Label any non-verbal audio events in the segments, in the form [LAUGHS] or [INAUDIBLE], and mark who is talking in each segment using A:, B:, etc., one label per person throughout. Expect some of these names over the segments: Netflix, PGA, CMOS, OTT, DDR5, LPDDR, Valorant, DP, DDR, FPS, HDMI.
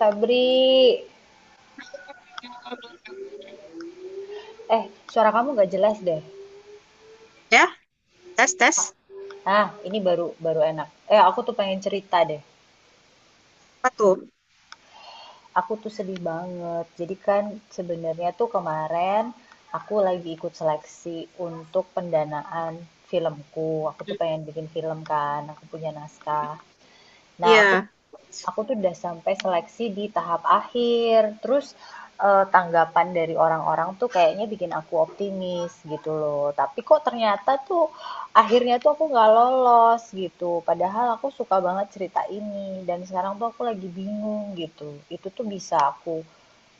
A: Febri, eh suara kamu gak jelas deh.
B: Ya, tes tes,
A: Ah, ini baru baru enak. Aku tuh pengen cerita deh.
B: apa tuh?
A: Aku tuh sedih banget. Jadi kan sebenarnya tuh kemarin aku lagi ikut seleksi untuk pendanaan filmku. Aku tuh pengen bikin film kan, aku punya naskah. Nah, aku
B: Iya.
A: aku tuh udah sampai seleksi di tahap akhir. Terus tanggapan dari orang-orang tuh kayaknya bikin aku optimis gitu loh. Tapi kok ternyata tuh akhirnya tuh aku nggak lolos gitu. Padahal aku suka banget cerita ini dan sekarang tuh aku lagi bingung gitu. Itu tuh bisa aku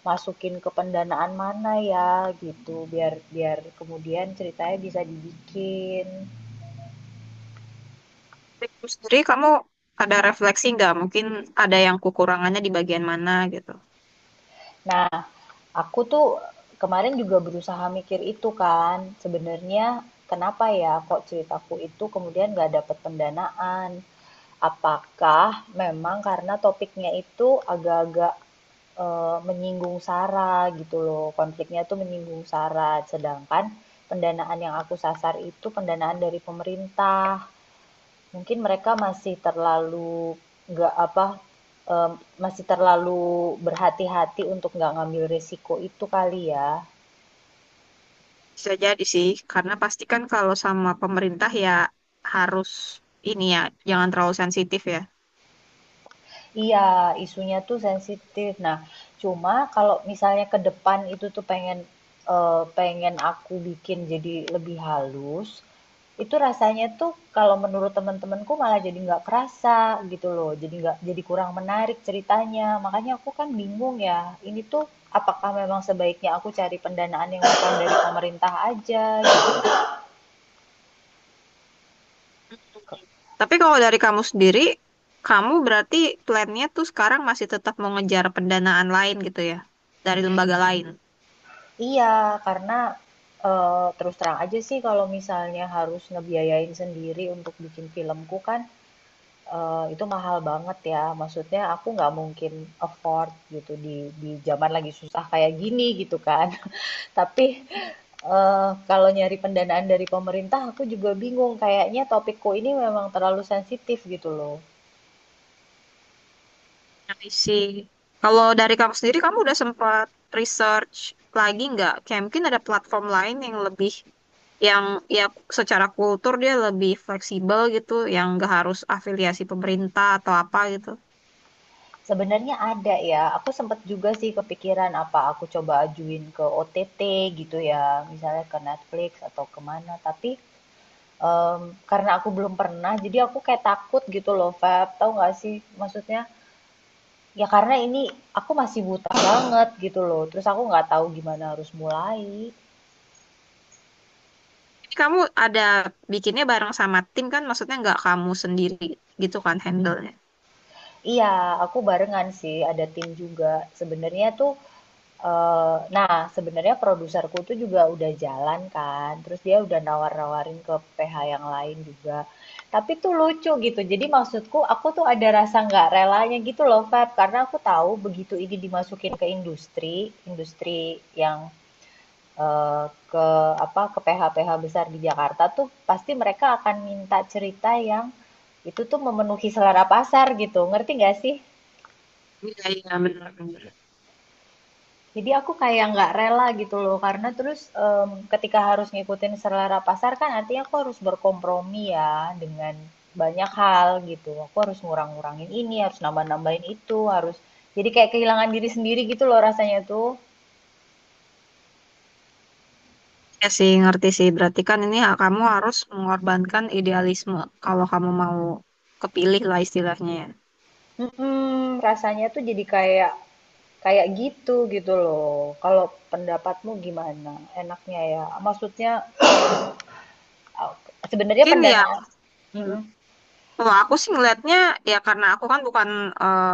A: masukin ke pendanaan mana ya gitu biar biar kemudian ceritanya bisa dibikin.
B: Dari kamu sendiri, kamu ada refleksi nggak? Mungkin ada yang kekurangannya di bagian mana gitu.
A: Nah, aku tuh kemarin juga berusaha mikir itu kan, sebenarnya kenapa ya kok ceritaku itu kemudian nggak dapat pendanaan? Apakah memang karena topiknya itu agak-agak menyinggung SARA gitu loh, konfliknya tuh menyinggung SARA, sedangkan pendanaan yang aku sasar itu pendanaan dari pemerintah. Mungkin mereka masih terlalu nggak apa em, masih terlalu berhati-hati untuk nggak ngambil risiko itu kali ya.
B: Bisa jadi sih, karena pasti kan kalau sama pemerintah ya harus ini ya, jangan terlalu sensitif ya.
A: Iya, isunya tuh sensitif. Nah, cuma kalau misalnya ke depan itu tuh pengen aku bikin jadi lebih halus, itu rasanya tuh kalau menurut teman-temanku malah jadi nggak kerasa gitu loh. Jadi nggak jadi kurang menarik ceritanya. Makanya aku kan bingung ya. Ini tuh apakah memang sebaiknya aku cari pendanaan yang datang dari pemerintah aja gitu.
B: Tapi kalau dari kamu sendiri, kamu berarti plannya tuh sekarang masih tetap mau ngejar pendanaan lain gitu ya, dari lembaga lain.
A: Iya, karena eh, terus terang aja sih kalau misalnya harus ngebiayain sendiri untuk bikin filmku kan itu mahal banget ya. Maksudnya aku nggak mungkin afford gitu di zaman lagi susah kayak gini gitu kan. [LAUGHS] Tapi eh, kalau nyari pendanaan dari pemerintah aku juga bingung. Kayaknya topikku ini memang terlalu sensitif gitu loh.
B: I see. Kalau dari kamu sendiri, kamu udah sempat research lagi nggak? Kayak mungkin ada platform lain yang lebih, yang ya secara kultur dia lebih fleksibel gitu, yang nggak harus afiliasi pemerintah atau apa gitu.
A: Sebenarnya ada ya, aku sempet juga sih kepikiran apa aku coba ajuin ke OTT gitu ya, misalnya ke Netflix atau kemana, tapi karena aku belum pernah, jadi aku kayak takut gitu loh, Feb, tahu nggak sih? Maksudnya, ya karena ini aku masih buta banget gitu loh, terus aku nggak tahu gimana harus mulai.
B: Ini kamu ada bikinnya bareng sama tim kan? Maksudnya nggak kamu sendiri gitu kan handle-nya?
A: Iya, aku barengan sih, ada tim juga. Sebenarnya tuh nah, sebenarnya produserku tuh juga udah jalan kan, terus dia udah nawar-nawarin ke PH yang lain juga. Tapi tuh lucu gitu. Jadi maksudku aku tuh ada rasa nggak relanya gitu loh, Feb, karena aku tahu begitu ini dimasukin ke industri yang eh, ke apa ke PH-PH besar di Jakarta tuh pasti mereka akan minta cerita yang itu tuh memenuhi selera pasar gitu. Ngerti nggak sih?
B: Iya, iya, benar, benar.
A: Jadi aku kayak nggak rela gitu loh, karena terus ketika harus ngikutin selera pasar kan artinya aku harus berkompromi ya dengan banyak hal gitu. Aku harus ngurang-ngurangin ini, harus nambah-nambahin itu, harus jadi kayak kehilangan diri sendiri gitu loh rasanya tuh.
B: Ya sih, ngerti sih. Berarti kan ini hak kamu harus mengorbankan idealisme kalau kamu mau kepilih lah istilahnya ya.
A: Mm-mm, rasanya tuh jadi kayak kayak gitu gitu loh. Kalau pendapatmu gimana? Enaknya ya, maksudnya uh, sebenarnya
B: Mungkin ya.
A: pendanaan. Mm-mm.
B: Kalau aku sih ngelihatnya, ya karena aku kan bukan eh,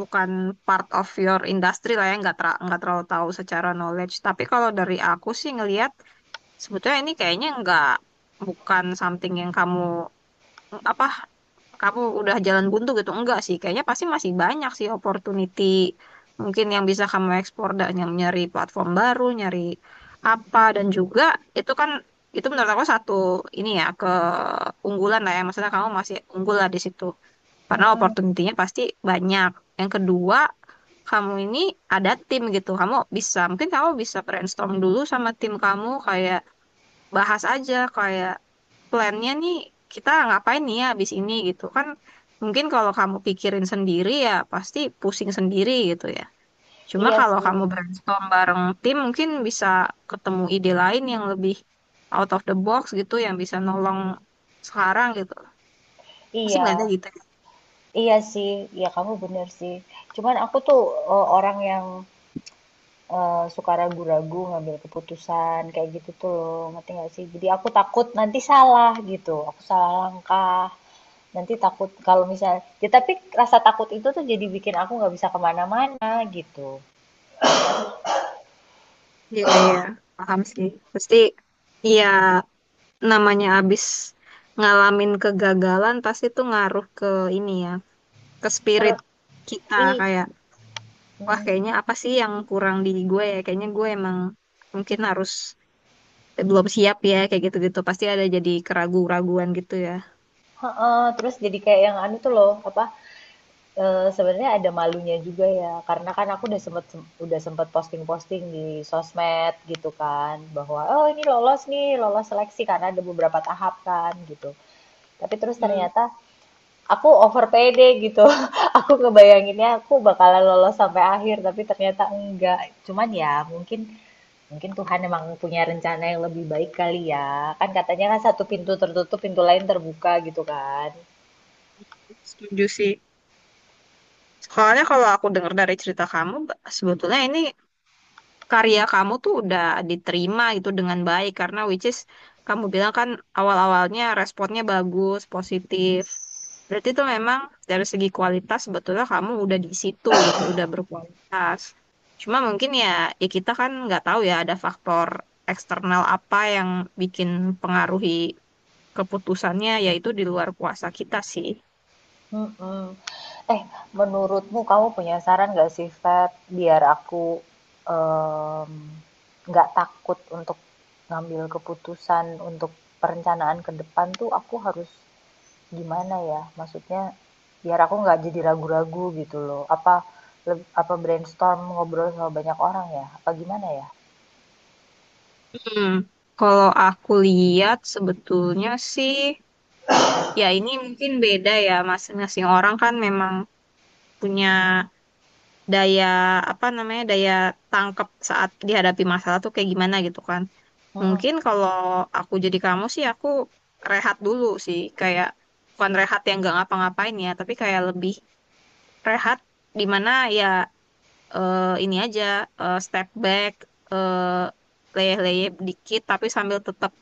B: bukan part of your industry lah ya, nggak nggak terlalu tahu secara knowledge. Tapi kalau dari aku sih ngelihat sebetulnya ini kayaknya nggak, bukan something yang kamu apa, kamu udah jalan buntu gitu enggak sih? Kayaknya pasti masih banyak sih opportunity mungkin yang bisa kamu ekspor dan yang nyari platform baru, nyari apa, dan juga itu kan, itu menurut aku satu ini ya, keunggulan lah ya, maksudnya kamu masih unggul lah di situ karena
A: Mm-mm.
B: opportunity-nya pasti banyak. Yang kedua, kamu ini ada tim gitu. Kamu bisa, mungkin kamu bisa brainstorm dulu sama tim kamu, kayak bahas aja, kayak plannya nih kita ngapain nih ya abis ini gitu kan. Mungkin kalau kamu pikirin sendiri ya pasti pusing sendiri gitu ya. Cuma
A: Iya
B: kalau kamu
A: sih,
B: brainstorm bareng tim mungkin bisa ketemu ide lain yang lebih out of the box gitu yang bisa nolong sekarang gitu. Pasti nggak ada
A: iya.
B: gitu.
A: Iya sih, ya kamu bener sih. Cuman aku tuh orang yang suka ragu-ragu ngambil keputusan kayak gitu tuh loh, ngerti gak sih? Jadi aku takut nanti salah gitu, aku salah langkah. Nanti takut kalau misalnya, ya tapi rasa takut itu tuh jadi bikin aku nggak bisa kemana-mana gitu.
B: Ya. Iya, iya, paham sih. Pasti, iya, namanya abis ngalamin kegagalan, pasti tuh ngaruh ke ini ya, ke spirit
A: Terus,
B: kita.
A: i,
B: Kayak, wah
A: mm-mm.
B: kayaknya apa sih yang kurang di gue ya? Kayaknya gue emang mungkin harus belum siap ya, kayak gitu-gitu. Pasti ada jadi keraguan keraguan gitu ya.
A: Heeh, terus jadi kayak yang anu tuh loh, apa? Sebenarnya ada malunya juga ya, karena kan aku udah sempet posting-posting di sosmed gitu kan, bahwa, "Oh ini lolos nih, lolos seleksi," karena ada beberapa tahap kan gitu. Tapi terus
B: Hmm,
A: ternyata aku over pede gitu, [LAUGHS] aku ngebayanginnya aku bakalan lolos sampai akhir, tapi ternyata enggak. Cuman ya mungkin mungkin Tuhan emang punya rencana yang lebih baik kali ya, kan katanya kan satu pintu tertutup, pintu lain terbuka gitu kan.
B: setuju sih. Soalnya kalau aku dengar dari cerita kamu, sebetulnya ini karya kamu tuh udah diterima gitu dengan baik karena which is kamu bilang kan awal-awalnya responnya bagus, positif. Berarti itu memang dari segi kualitas sebetulnya kamu udah di situ gitu, udah berkualitas. Cuma mungkin ya, ya kita kan nggak tahu ya ada faktor eksternal apa yang bikin pengaruhi keputusannya, yaitu di luar kuasa kita sih.
A: Mhm. Eh, menurutmu kamu punya saran nggak sih, Feb, biar aku em, nggak takut untuk ngambil keputusan untuk perencanaan ke depan tuh aku harus gimana ya? Maksudnya biar aku nggak jadi ragu-ragu gitu loh. Apa apa brainstorm ngobrol sama banyak orang ya? Apa gimana ya?
B: Hmm. Kalau aku lihat sebetulnya sih, ya, ini mungkin beda ya, masing-masing orang kan memang punya daya, apa namanya, daya tangkap saat dihadapi masalah tuh kayak gimana gitu kan.
A: Mhm,
B: Mungkin kalau aku jadi kamu sih, aku rehat dulu sih, kayak bukan rehat yang gak ngapa-ngapain ya, tapi kayak lebih rehat di mana ya, ini aja, step back, eh, leyeh-leyeh dikit, tapi sambil tetap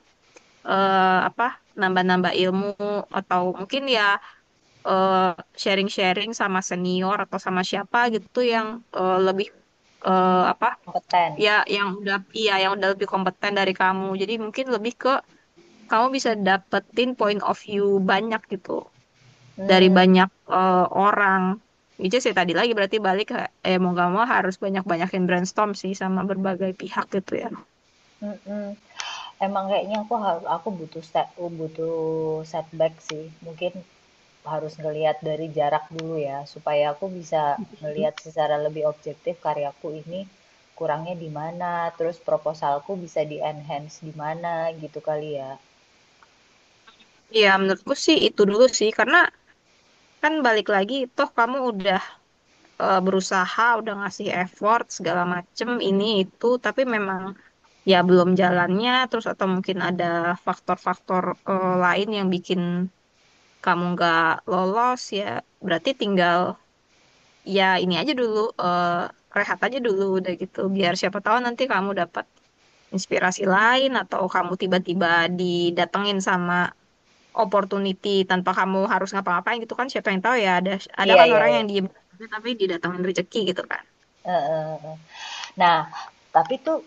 B: eh, apa, nambah-nambah ilmu atau mungkin ya eh, sharing-sharing sama senior atau sama siapa gitu yang lebih apa
A: kompeten.
B: ya, yang udah, iya yang udah lebih kompeten dari kamu. Jadi mungkin lebih ke kamu bisa dapetin point of view banyak gitu dari
A: Hmm,
B: banyak eh, orang. Itu sih tadi lagi berarti balik ke- eh mau gak mau harus banyak-banyakin brainstorm sih sama berbagai pihak gitu ya.
A: mhm. Emang kayaknya aku butuh setback sih. Mungkin harus ngelihat dari jarak dulu ya supaya aku bisa ngelihat secara lebih objektif karyaku ini kurangnya di mana, terus proposalku bisa di enhance di mana gitu kali ya.
B: Iya, menurutku sih itu dulu sih, karena kan balik lagi toh kamu udah berusaha udah ngasih effort segala macem ini itu, tapi memang ya belum jalannya, terus atau mungkin ada faktor-faktor lain yang bikin kamu nggak lolos ya, berarti tinggal ya ini aja dulu, eh, rehat aja dulu udah gitu biar siapa tahu nanti kamu dapat inspirasi lain atau kamu tiba-tiba didatengin sama opportunity tanpa kamu harus ngapa-ngapain gitu kan, siapa yang tahu ya, ada
A: Iya
B: kan
A: iya
B: orang
A: iya.
B: yang diem aja tapi didatengin rezeki gitu kan.
A: Eh, eh, eh. Nah, tapi tuh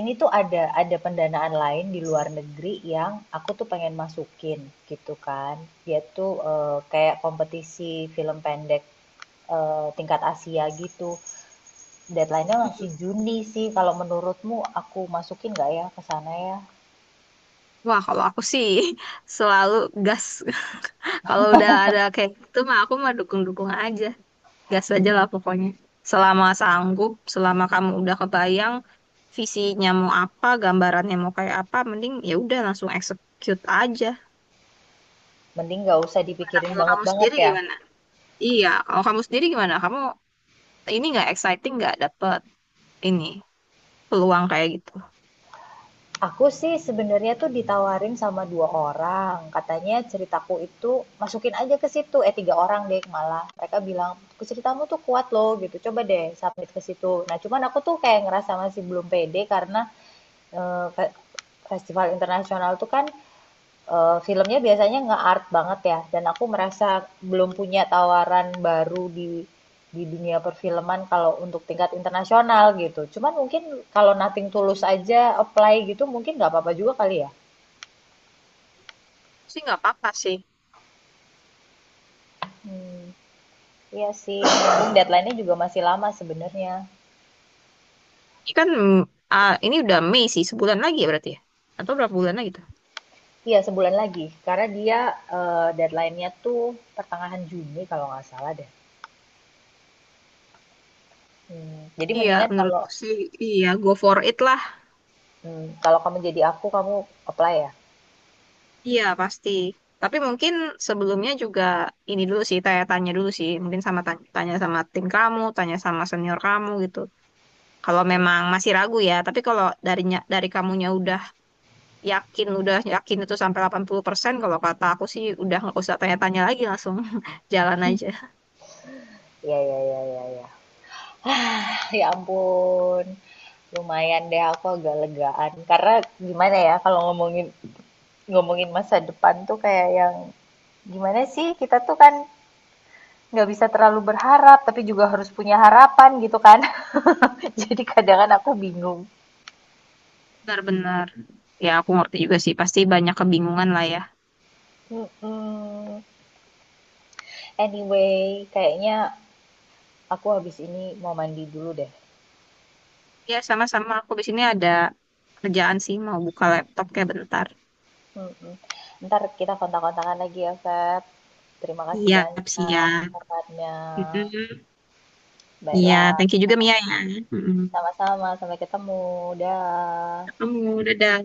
A: ini tuh ada pendanaan lain di luar negeri yang aku tuh pengen masukin gitu kan, dia tuh kayak kompetisi film pendek tingkat Asia gitu. Deadline-nya masih Juni sih. Kalau menurutmu aku masukin nggak ya ke sana ya?
B: Wah, kalau aku sih [LAUGHS] selalu gas. [LAUGHS] Kalau udah ada kayak gitu mah aku mah dukung-dukung aja. Gas aja lah pokoknya. Selama sanggup, selama kamu udah kebayang visinya mau apa, gambarannya mau kayak apa, mending ya udah langsung execute aja.
A: Mending nggak usah
B: Nah,
A: dipikirin
B: kalau kamu
A: banget-banget
B: sendiri
A: ya.
B: gimana? Iya, kalau kamu sendiri gimana? Kamu ini nggak exciting nggak dapet ini peluang kayak gitu?
A: Aku sih sebenarnya tuh ditawarin sama dua orang. Katanya ceritaku itu masukin aja ke situ. Eh, tiga orang deh malah. Mereka bilang, ceritamu tuh kuat loh gitu. Coba deh submit ke situ. Nah cuman aku tuh kayak ngerasa masih belum pede karena eh, festival internasional tuh kan filmnya biasanya nge-art banget ya, dan aku merasa belum punya tawaran baru di dunia perfilman kalau untuk tingkat internasional gitu. Cuman mungkin kalau Nothing Tulus aja apply gitu mungkin nggak apa-apa juga kali ya.
B: Sih nggak apa-apa sih.
A: Hmm, iya sih, mumpung deadline-nya juga masih lama sebenarnya.
B: Ini kan mm, ah, ini udah Mei sih, sebulan lagi ya berarti ya? Atau berapa bulan lagi tuh?
A: Iya, sebulan lagi. Karena dia deadline-nya tuh pertengahan Juni kalau nggak salah deh. Hmm, jadi
B: Iya,
A: mendingan kalau
B: menurutku sih iya, go for it lah.
A: hmm, kalau kamu jadi aku, kamu apply ya.
B: Iya, pasti. Tapi mungkin sebelumnya juga ini dulu sih, tanya-tanya dulu sih, mungkin sama tanya, tanya sama tim kamu, tanya sama senior kamu gitu. Kalau memang masih ragu ya, tapi kalau darinya dari kamunya udah yakin itu sampai 80%, kalau kata aku sih udah nggak usah tanya-tanya lagi, langsung [LAUGHS] jalan aja.
A: Iya, iya, iya, iya, iya. [SIGHS] Ah, ya ampun. Lumayan deh aku agak legaan. Karena gimana ya kalau ngomongin ngomongin masa depan tuh kayak yang gimana sih, kita tuh kan nggak bisa terlalu berharap tapi juga harus punya harapan gitu kan. [LAUGHS] Jadi kadang kan aku bingung.
B: Benar-benar. Ya, aku ngerti juga sih. Pasti banyak kebingungan lah ya.
A: Mm-mm. Anyway, kayaknya aku habis ini mau mandi dulu deh.
B: Ya, sama-sama. Aku di sini ada kerjaan sih. Mau buka laptop kayak bentar.
A: Mm-mm. Ntar kita kontak-kontakan lagi ya, Feb. Terima kasih
B: Siap,
A: banyak
B: siap.
A: sarannya.
B: Mm-mm. Iya,
A: Baiklah.
B: thank you juga Mia ya. Mm-mm.
A: Sama-sama, sampai ketemu. Dah.
B: Ketemu, dadah.